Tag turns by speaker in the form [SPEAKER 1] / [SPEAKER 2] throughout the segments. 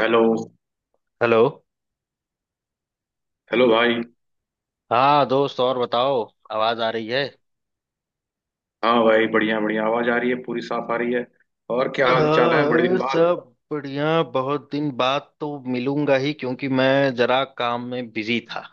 [SPEAKER 1] Hello.
[SPEAKER 2] Hello.
[SPEAKER 1] Hello भाई।
[SPEAKER 2] हाँ दोस्त, और बताओ। आवाज आ रही है?
[SPEAKER 1] हाँ भाई, बढ़िया बढ़िया आवाज आ रही है, पूरी साफ आ रही है। और क्या हाल चाल है,
[SPEAKER 2] हाँ,
[SPEAKER 1] बड़े दिन
[SPEAKER 2] अरे
[SPEAKER 1] बाद?
[SPEAKER 2] सब बढ़िया। बहुत दिन बाद तो मिलूंगा ही, क्योंकि मैं जरा काम में बिजी था।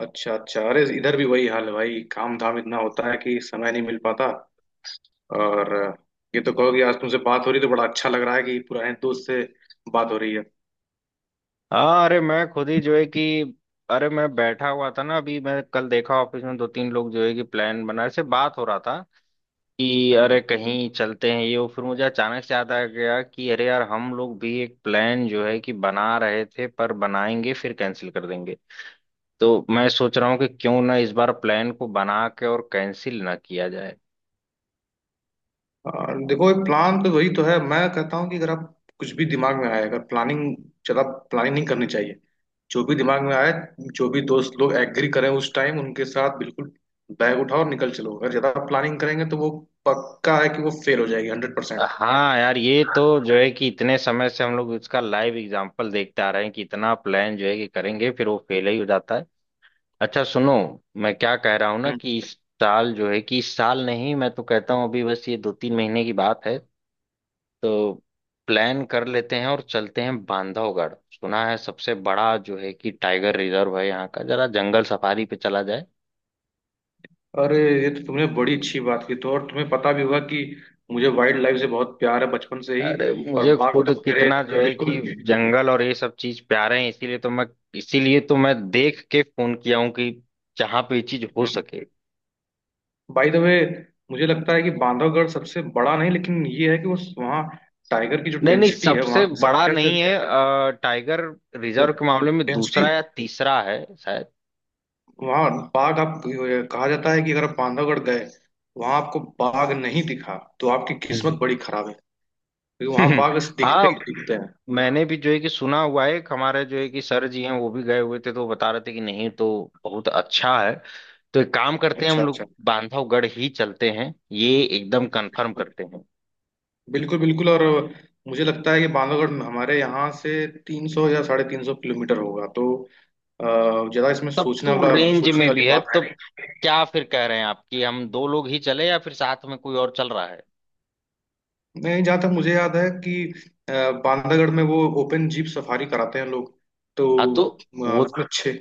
[SPEAKER 1] अच्छा अच्छा। अरे इधर भी वही हाल है भाई, काम धाम इतना होता है कि समय नहीं मिल पाता। और ये तो कहो कि आज तुमसे बात हो रही तो बड़ा अच्छा लग रहा है कि पुराने दोस्त से बात हो रही है।
[SPEAKER 2] हाँ, अरे मैं खुद ही जो है कि, अरे मैं बैठा हुआ था ना, अभी मैं कल देखा ऑफिस में दो तीन लोग जो है कि प्लान बना से बात हो रहा था कि
[SPEAKER 1] हम्म।
[SPEAKER 2] अरे कहीं चलते हैं ये वो, फिर मुझे अचानक से याद आ गया कि अरे यार हम लोग भी एक प्लान जो है कि बना रहे थे, पर बनाएंगे फिर कैंसिल कर देंगे। तो मैं सोच रहा हूँ कि क्यों ना इस बार प्लान को बना के और कैंसिल ना किया जाए।
[SPEAKER 1] और देखो, एक प्लान तो वही तो है। मैं कहता हूँ कि अगर आप कुछ भी दिमाग में आए, अगर प्लानिंग ज्यादा प्लानिंग नहीं करनी चाहिए। जो भी दिमाग में आए, जो भी दोस्त लोग एग्री करें उस टाइम उनके साथ बिल्कुल बैग उठाओ और निकल चलो। अगर ज्यादा प्लानिंग करेंगे तो वो पक्का है कि वो फेल हो जाएगी, 100%।
[SPEAKER 2] हाँ यार, ये तो जो है कि इतने समय से हम लोग इसका लाइव एग्जांपल देखते आ रहे हैं कि इतना प्लान जो है कि करेंगे फिर वो फेल ही हो जाता है। अच्छा सुनो, मैं क्या कह रहा हूँ ना
[SPEAKER 1] हम्म।
[SPEAKER 2] कि इस साल जो है कि, इस साल नहीं, मैं तो कहता हूँ अभी बस ये 2 3 महीने की बात है। तो प्लान कर लेते हैं और चलते हैं बांधवगढ़। सुना है सबसे बड़ा जो है कि टाइगर रिजर्व है, यहाँ का जरा जंगल सफारी पे चला जाए।
[SPEAKER 1] अरे ये तो तुमने बड़ी अच्छी बात की, तो और तुम्हें पता भी होगा कि मुझे वाइल्ड लाइफ से बहुत प्यार है बचपन से ही।
[SPEAKER 2] अरे
[SPEAKER 1] और
[SPEAKER 2] मुझे
[SPEAKER 1] बाघ
[SPEAKER 2] खुद
[SPEAKER 1] तो मेरे
[SPEAKER 2] कितना जो है कि
[SPEAKER 1] बिल्कुल।
[SPEAKER 2] जंगल और ये सब चीज प्यारे हैं, इसीलिए तो मैं, इसीलिए तो मैं देख के फोन किया हूँ कि जहां पे ये चीज हो
[SPEAKER 1] हम्म।
[SPEAKER 2] सके।
[SPEAKER 1] बाय द वे, मुझे लगता है कि बांधवगढ़ सबसे बड़ा नहीं, लेकिन ये है कि वो वहाँ टाइगर की जो
[SPEAKER 2] नहीं नहीं,
[SPEAKER 1] डेंसिटी है,
[SPEAKER 2] सबसे
[SPEAKER 1] वहाँ की
[SPEAKER 2] बड़ा
[SPEAKER 1] संख्या, जो
[SPEAKER 2] नहीं है, टाइगर रिजर्व के मामले में दूसरा
[SPEAKER 1] डेंसिटी
[SPEAKER 2] या तीसरा है शायद।
[SPEAKER 1] वहाँ बाघ आप, कहा जाता है कि अगर आप बांधवगढ़ गए, वहां आपको बाघ नहीं दिखा तो आपकी
[SPEAKER 2] हम्म।
[SPEAKER 1] किस्मत बड़ी खराब है। क्योंकि वहां बाघ दिखते ही
[SPEAKER 2] हाँ,
[SPEAKER 1] दिखते हैं।
[SPEAKER 2] मैंने भी जो है कि सुना हुआ है, एक हमारे जो है कि सर जी हैं, वो भी गए हुए थे, तो वो बता रहे थे कि नहीं तो बहुत अच्छा है। तो एक काम करते हैं,
[SPEAKER 1] अच्छा
[SPEAKER 2] हम
[SPEAKER 1] अच्छा।
[SPEAKER 2] लोग बांधवगढ़ ही चलते हैं, ये एकदम कंफर्म
[SPEAKER 1] बिल्कुल।
[SPEAKER 2] करते हैं।
[SPEAKER 1] बिल्कुल बिल्कुल। और मुझे लगता है कि बांधवगढ़ हमारे यहाँ से 300 या 350 किलोमीटर होगा तो ज्यादा इसमें
[SPEAKER 2] तब तो रेंज
[SPEAKER 1] सोचने
[SPEAKER 2] में
[SPEAKER 1] वाली
[SPEAKER 2] भी है।
[SPEAKER 1] बात है
[SPEAKER 2] तब
[SPEAKER 1] नहीं।
[SPEAKER 2] क्या फिर कह रहे हैं आप कि हम दो लोग ही चले या फिर साथ में कोई और चल रहा है?
[SPEAKER 1] नहीं, जहाँ तक मुझे याद है कि अ, बांधवगढ़ में वो ओपन जीप सफारी कराते हैं लोग। तो
[SPEAKER 2] हाँ तो वो
[SPEAKER 1] उसमें छः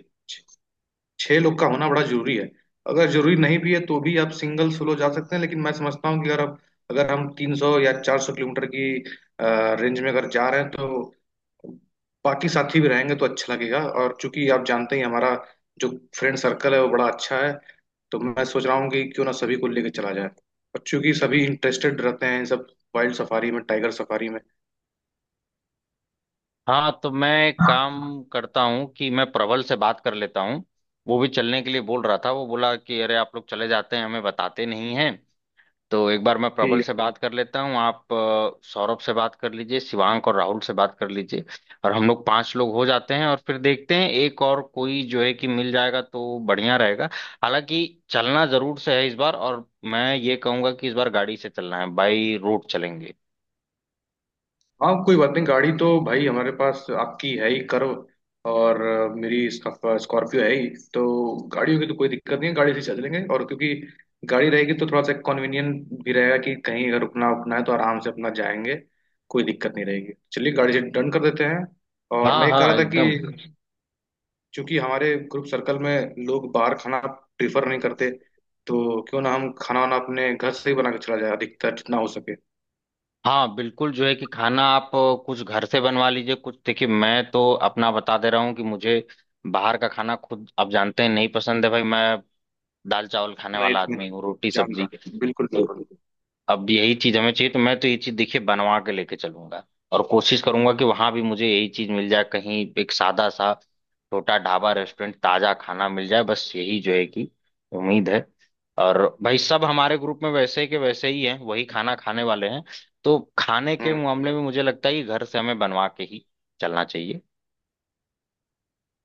[SPEAKER 1] छह लोग का होना बड़ा जरूरी है। अगर जरूरी नहीं भी है तो भी आप सिंगल सोलो जा सकते हैं, लेकिन मैं समझता हूँ कि अगर हम 300 या 400 किलोमीटर की रेंज में अगर जा रहे हैं तो बाकी साथी भी रहेंगे तो अच्छा लगेगा। और चूंकि आप जानते ही हैं, हमारा जो फ्रेंड सर्कल है वो बड़ा अच्छा है। तो मैं सोच रहा हूँ कि क्यों ना सभी को लेके चला जाए, और चूंकि सभी इंटरेस्टेड रहते हैं इन सब वाइल्ड सफारी में, टाइगर सफारी में।
[SPEAKER 2] हाँ तो मैं एक काम करता हूँ कि मैं प्रबल से बात कर लेता हूँ। वो भी चलने के लिए बोल रहा था, वो बोला कि अरे आप लोग चले जाते हैं हमें बताते नहीं हैं। तो एक बार मैं प्रबल
[SPEAKER 1] ठीक।
[SPEAKER 2] से बात कर लेता हूँ, आप सौरभ से बात कर लीजिए, शिवांक और राहुल से बात कर लीजिए। और हम लोग पांच लोग हो जाते हैं, और फिर देखते हैं एक और कोई जो है कि मिल जाएगा तो बढ़िया रहेगा। हालांकि चलना जरूर से है इस बार, और मैं ये कहूंगा कि इस बार गाड़ी से चलना है, बाई रोड चलेंगे।
[SPEAKER 1] हाँ, कोई बात नहीं, गाड़ी तो भाई हमारे पास आपकी है ही कर्व, और मेरी स्कॉर्पियो है ही। तो गाड़ियों की तो कोई दिक्कत नहीं है, गाड़ी से चल लेंगे। और क्योंकि गाड़ी रहेगी तो थोड़ा सा कन्वीनियंट भी रहेगा कि कहीं अगर रुकना उकना है तो आराम से अपना जाएंगे। कोई दिक्कत नहीं रहेगी, चलिए गाड़ी से डन कर देते हैं। और
[SPEAKER 2] हाँ
[SPEAKER 1] मैं ये
[SPEAKER 2] हाँ
[SPEAKER 1] कह रहा था
[SPEAKER 2] एकदम।
[SPEAKER 1] कि चूंकि हमारे ग्रुप सर्कल में लोग बाहर खाना प्रीफर नहीं करते, तो क्यों ना हम खाना वाना अपने घर से ही बना के चला जाए, अधिकतर जितना हो सके।
[SPEAKER 2] हाँ बिल्कुल जो है कि खाना, आप कुछ घर से बनवा लीजिए, कुछ देखिए, मैं तो अपना बता दे रहा हूँ कि मुझे बाहर का खाना, खुद आप जानते हैं, नहीं पसंद है भाई। मैं दाल चावल खाने
[SPEAKER 1] नहीं,
[SPEAKER 2] वाला
[SPEAKER 1] तो मैं
[SPEAKER 2] आदमी हूँ, रोटी
[SPEAKER 1] जान
[SPEAKER 2] सब्जी
[SPEAKER 1] रहा। बिल्कुल
[SPEAKER 2] तो
[SPEAKER 1] बिल्कुल।
[SPEAKER 2] अब यही चीज हमें चाहिए। तो मैं तो ये चीज देखिए बनवा के लेके चलूंगा, और कोशिश करूंगा कि वहां भी मुझे यही चीज मिल जाए, कहीं एक सादा सा छोटा ढाबा रेस्टोरेंट ताजा खाना मिल जाए, बस यही जो है कि उम्मीद है। और भाई सब हमारे ग्रुप में वैसे के वैसे ही हैं, वही खाना खाने वाले हैं। तो खाने के मामले में मुझे लगता है कि घर से हमें बनवा के ही चलना चाहिए।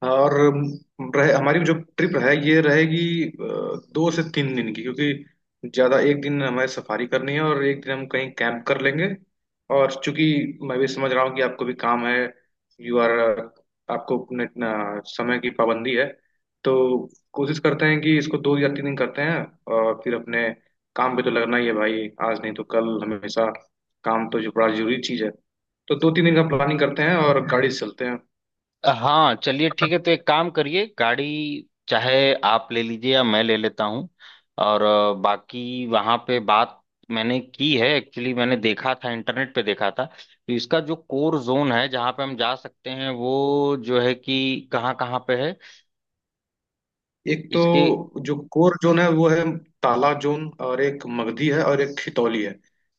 [SPEAKER 1] और रहे हमारी जो ट्रिप है ये रहेगी 2 से 3 दिन की, क्योंकि ज़्यादा एक दिन हमारी सफारी करनी है और एक दिन हम कहीं कैंप कर लेंगे। और चूंकि मैं भी समझ रहा हूँ कि आपको भी काम है, यू आर आपको अपने अपना समय की पाबंदी है, तो कोशिश करते हैं कि इसको 2 या 3 दिन करते हैं। और फिर अपने काम पे तो लगना ही है भाई, आज नहीं तो कल, हमेशा काम तो जो बड़ा जरूरी चीज़ है। तो दो तीन दिन का प्लानिंग करते हैं और गाड़ी से चलते हैं।
[SPEAKER 2] हाँ चलिए ठीक है, तो एक काम करिए, गाड़ी चाहे आप ले लीजिए या मैं ले लेता हूँ। और बाकी वहाँ पे बात मैंने की है, एक्चुअली मैंने देखा था, इंटरनेट पे देखा था, तो इसका जो कोर जोन है जहाँ पे हम जा सकते हैं, वो जो है कि कहाँ कहाँ पे है
[SPEAKER 1] एक तो
[SPEAKER 2] इसके।
[SPEAKER 1] जो कोर जोन है वो है ताला जोन, और एक मगधी है और एक खितौली है।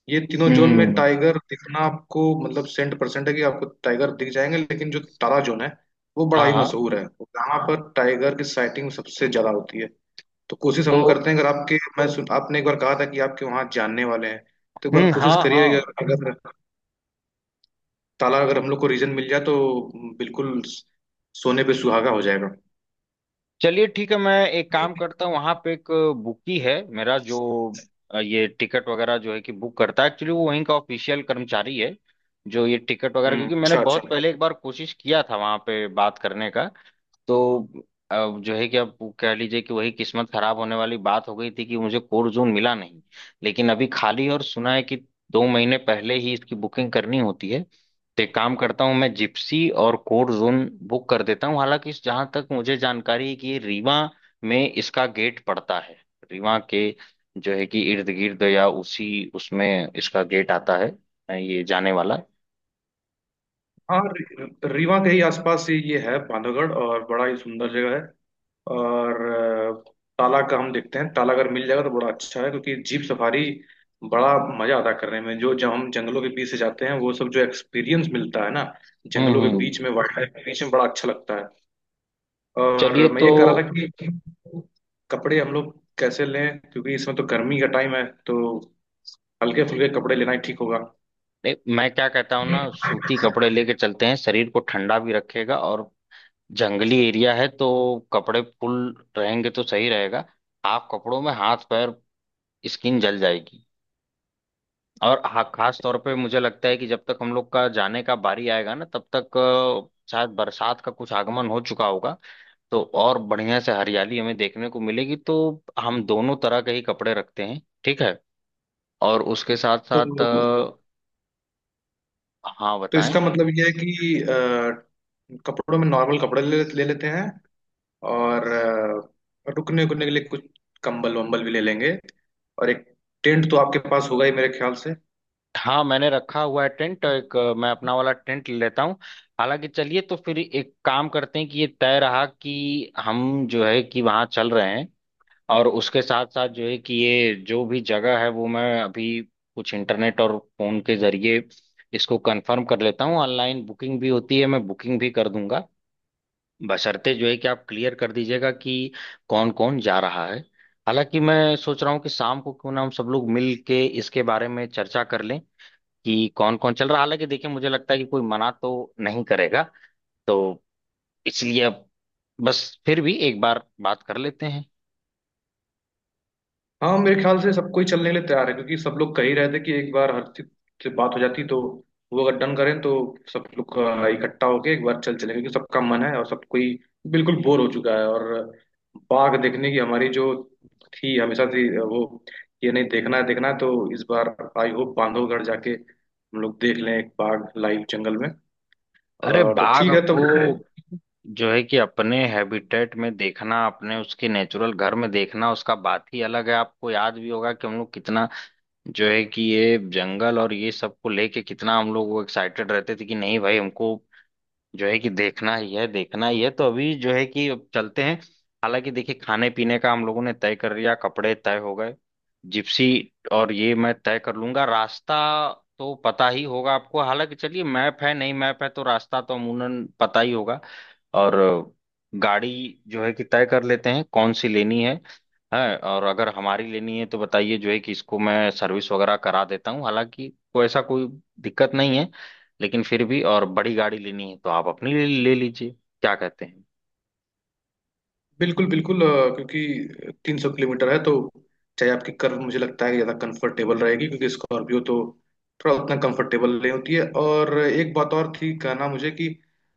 [SPEAKER 1] ये तीनों जोन में
[SPEAKER 2] हम्म
[SPEAKER 1] टाइगर दिखना आपको मतलब सेंट परसेंट है कि आपको टाइगर दिख जाएंगे। लेकिन जो ताला जोन है वो बड़ा
[SPEAKER 2] हाँ
[SPEAKER 1] ही
[SPEAKER 2] हाँ।
[SPEAKER 1] मशहूर है, यहाँ पर टाइगर की साइटिंग सबसे ज्यादा होती है। तो कोशिश
[SPEAKER 2] तो
[SPEAKER 1] हम करते हैं, अगर आपके मैं सुन आपने एक बार कहा था कि आपके वहाँ जानने वाले हैं, तो एक बार कोशिश
[SPEAKER 2] हाँ हाँ,
[SPEAKER 1] करिए कि अगर अगर ताला अगर हम लोग को रीजन मिल जाए तो बिल्कुल सोने पे सुहागा हो जाएगा।
[SPEAKER 2] चलिए ठीक है, मैं एक काम करता हूँ, वहां पे एक बुकी है मेरा, जो ये टिकट वगैरह जो है कि बुक करता है। एक्चुअली वो वहीं का ऑफिशियल कर्मचारी है जो ये टिकट वगैरह,
[SPEAKER 1] हम्म।
[SPEAKER 2] क्योंकि मैंने
[SPEAKER 1] अच्छा अच्छा।
[SPEAKER 2] बहुत पहले एक बार कोशिश किया था वहां पे बात करने का। तो अब जो है कि आप कह लीजिए कि वही किस्मत खराब होने वाली बात हो गई थी कि मुझे कोर जोन मिला नहीं, लेकिन अभी खाली है। और सुना है कि 2 महीने पहले ही इसकी बुकिंग करनी होती है, तो एक काम करता हूँ, मैं जिप्सी और कोर जोन बुक कर देता हूँ। हालांकि जहाँ तक मुझे जानकारी है कि ये रीवा में इसका गेट पड़ता है, रीवा के जो है कि इर्द गिर्द या उसी उसमें इसका गेट आता है, ये जाने वाला।
[SPEAKER 1] हाँ, रीवा के ही आसपास ही ये है बांधवगढ़, और बड़ा ही सुंदर जगह है। और अ, ताला का हम देखते हैं, ताला अगर मिल जाएगा तो बड़ा अच्छा है क्योंकि जीप सफारी बड़ा मजा आता है करने में, जो जब हम जंगलों के बीच से जाते हैं वो सब जो एक्सपीरियंस मिलता है ना, जंगलों के
[SPEAKER 2] हम्म।
[SPEAKER 1] बीच में, वाइल्ड लाइफ के बीच में बड़ा अच्छा लगता है। और
[SPEAKER 2] चलिए
[SPEAKER 1] मैं ये
[SPEAKER 2] तो
[SPEAKER 1] कह रहा था कि कपड़े हम लोग कैसे लें, क्योंकि इसमें तो गर्मी का टाइम है तो हल्के फुल्के कपड़े लेना ही ठीक होगा।
[SPEAKER 2] नहीं, मैं क्या कहता हूँ ना, सूती कपड़े लेके चलते हैं, शरीर को ठंडा भी रखेगा, और जंगली एरिया है तो कपड़े फुल रहेंगे तो सही रहेगा। हाफ कपड़ों में हाथ पैर, स्किन जल जाएगी। और खास तौर पे मुझे लगता है कि जब तक हम लोग का जाने का बारी आएगा ना, तब तक शायद बरसात का कुछ आगमन हो चुका होगा, तो और बढ़िया से हरियाली हमें देखने को मिलेगी। तो हम दोनों तरह के ही कपड़े रखते हैं, ठीक है? और उसके साथ
[SPEAKER 1] तो
[SPEAKER 2] साथ, हाँ
[SPEAKER 1] तो
[SPEAKER 2] बताएं।
[SPEAKER 1] इसका मतलब ये है कि कपड़ों में नॉर्मल कपड़े ले लेते हैं, और रुकने उकने के लिए कुछ कंबल वंबल भी ले लेंगे। और एक टेंट तो आपके पास होगा ही मेरे ख्याल से।
[SPEAKER 2] हाँ मैंने रखा हुआ है टेंट तो एक, मैं अपना वाला टेंट ले लेता हूँ। हालांकि चलिए तो फिर एक काम करते हैं कि ये तय रहा कि हम जो है कि वहाँ चल रहे हैं। और उसके साथ साथ जो है कि ये जो भी जगह है वो मैं अभी कुछ इंटरनेट और फोन के जरिए इसको कंफर्म कर लेता हूँ। ऑनलाइन बुकिंग भी होती है, मैं बुकिंग भी कर दूंगा, बशर्ते जो है कि आप क्लियर कर दीजिएगा कि कौन कौन जा रहा है। हालांकि मैं सोच रहा हूँ कि शाम को क्यों ना हम सब लोग मिल के इसके बारे में चर्चा कर लें कि कौन कौन चल रहा। हालांकि देखिए मुझे लगता है कि कोई मना तो नहीं करेगा, तो इसलिए अब बस, फिर भी एक बार बात कर लेते हैं।
[SPEAKER 1] हाँ, मेरे ख्याल से सब कोई चलने के लिए तैयार है, क्योंकि सब लोग कह ही रहे थे कि एक बार हर चीज से बात हो जाती, तो वो अगर डन करें तो सब लोग इकट्ठा होके एक बार चल चले, क्योंकि सबका मन है और सब कोई बिल्कुल बोर हो चुका है। और बाघ देखने की हमारी जो थी हमेशा थी वो ये नहीं देखना है, देखना है तो इस बार आई होप बांधवगढ़ जाके हम लोग देख लें एक बाघ लाइव जंगल में।
[SPEAKER 2] अरे
[SPEAKER 1] और तो
[SPEAKER 2] बाघ
[SPEAKER 1] ठीक है तो
[SPEAKER 2] को जो है कि अपने हैबिटेट में देखना, अपने उसके नेचुरल घर में देखना, उसका बात ही अलग है। आपको याद भी होगा कि हम लोग कितना जो है कि ये जंगल और ये सब को लेके कितना हम लोग वो एक्साइटेड रहते थे कि नहीं भाई हमको जो है कि देखना ही है, देखना ही है। तो अभी जो है कि अब चलते हैं। हालांकि देखिए खाने पीने का हम लोगों ने तय कर लिया, कपड़े तय हो गए, जिप्सी और ये मैं तय कर लूंगा। रास्ता तो पता ही होगा आपको, हालांकि चलिए मैप है, नहीं मैप है तो रास्ता तो अमूमन पता ही होगा। और गाड़ी जो है कि तय कर लेते हैं कौन सी लेनी है, और अगर हमारी लेनी है तो बताइए, जो है कि इसको मैं सर्विस वगैरह करा देता हूँ। हालांकि कोई ऐसा कोई दिक्कत नहीं है, लेकिन फिर भी और बड़ी गाड़ी लेनी है तो आप अपनी ले लीजिए, क्या कहते हैं?
[SPEAKER 1] बिल्कुल बिल्कुल, क्योंकि 300 किलोमीटर है तो चाहे आपकी कर्व मुझे लगता है कि ज़्यादा कंफर्टेबल रहेगी, क्योंकि स्कॉर्पियो तो थोड़ा उतना कंफर्टेबल नहीं होती है। और एक बात और थी कहना मुझे कि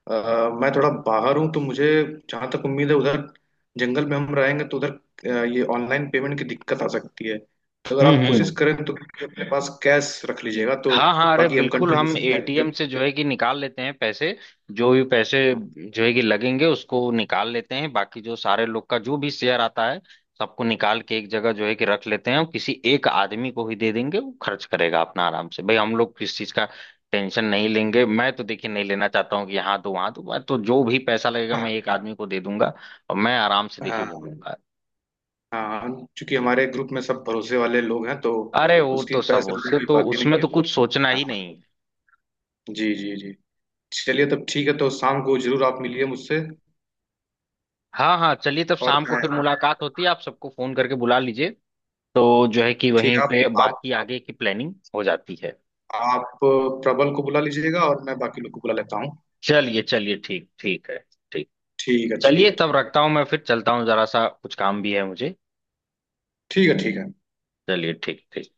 [SPEAKER 1] अ, मैं थोड़ा बाहर हूँ तो मुझे जहाँ तक उम्मीद है, उधर जंगल में हम रहेंगे तो उधर ये ऑनलाइन पेमेंट की दिक्कत आ सकती है, तो अगर आप कोशिश
[SPEAKER 2] हम्म,
[SPEAKER 1] करें तो अपने पास कैश रख लीजिएगा तो
[SPEAKER 2] हाँ हाँ, अरे
[SPEAKER 1] बाकी हम
[SPEAKER 2] बिल्कुल, हम
[SPEAKER 1] कंट्रीब्यूशन
[SPEAKER 2] ATM
[SPEAKER 1] करेंगे।
[SPEAKER 2] से जो है कि निकाल लेते हैं पैसे। जो भी पैसे जो है कि लगेंगे उसको निकाल लेते हैं, बाकी जो सारे लोग का जो भी शेयर आता है सबको निकाल के एक जगह जो है कि रख लेते हैं, और किसी एक आदमी को ही दे देंगे, वो खर्च करेगा अपना आराम से। भाई हम लोग किस चीज का टेंशन नहीं लेंगे, मैं तो देखिए नहीं लेना चाहता हूँ कि यहाँ तो वहां तो, मैं तो जो भी पैसा लगेगा
[SPEAKER 1] हाँ
[SPEAKER 2] मैं एक आदमी को दे दूंगा और मैं आराम से देखिए
[SPEAKER 1] हाँ
[SPEAKER 2] घूमूंगा।
[SPEAKER 1] हाँ। चूंकि हमारे ग्रुप में सब भरोसे वाले लोग हैं तो
[SPEAKER 2] अरे वो
[SPEAKER 1] उसकी
[SPEAKER 2] तो सब
[SPEAKER 1] पैसे रुपए
[SPEAKER 2] उसके
[SPEAKER 1] की
[SPEAKER 2] तो
[SPEAKER 1] बात ही नहीं
[SPEAKER 2] उसमें
[SPEAKER 1] है।
[SPEAKER 2] तो कुछ सोचना ही
[SPEAKER 1] हाँ
[SPEAKER 2] नहीं।
[SPEAKER 1] जी जी जी। चलिए तब ठीक है, तो शाम को जरूर आप मिलिए मुझसे।
[SPEAKER 2] हाँ हाँ चलिए, तब
[SPEAKER 1] और
[SPEAKER 2] शाम को
[SPEAKER 1] मैं
[SPEAKER 2] फिर मुलाकात होती है, आप सबको फोन करके बुला लीजिए। तो जो है कि
[SPEAKER 1] ठीक
[SPEAKER 2] वहीं
[SPEAKER 1] है,
[SPEAKER 2] पे बाकी आगे की प्लानिंग हो जाती है।
[SPEAKER 1] आप प्रबल को बुला लीजिएगा और मैं बाकी लोग को बुला लेता हूँ।
[SPEAKER 2] चलिए चलिए, ठीक ठीक है, ठीक।
[SPEAKER 1] ठीक है। ठीक
[SPEAKER 2] चलिए
[SPEAKER 1] है। ठीक।
[SPEAKER 2] तब रखता हूँ, मैं फिर चलता हूँ, जरा सा कुछ काम भी है मुझे।
[SPEAKER 1] ठीक है। ठीक है।
[SPEAKER 2] चलिए ठीक ठीक।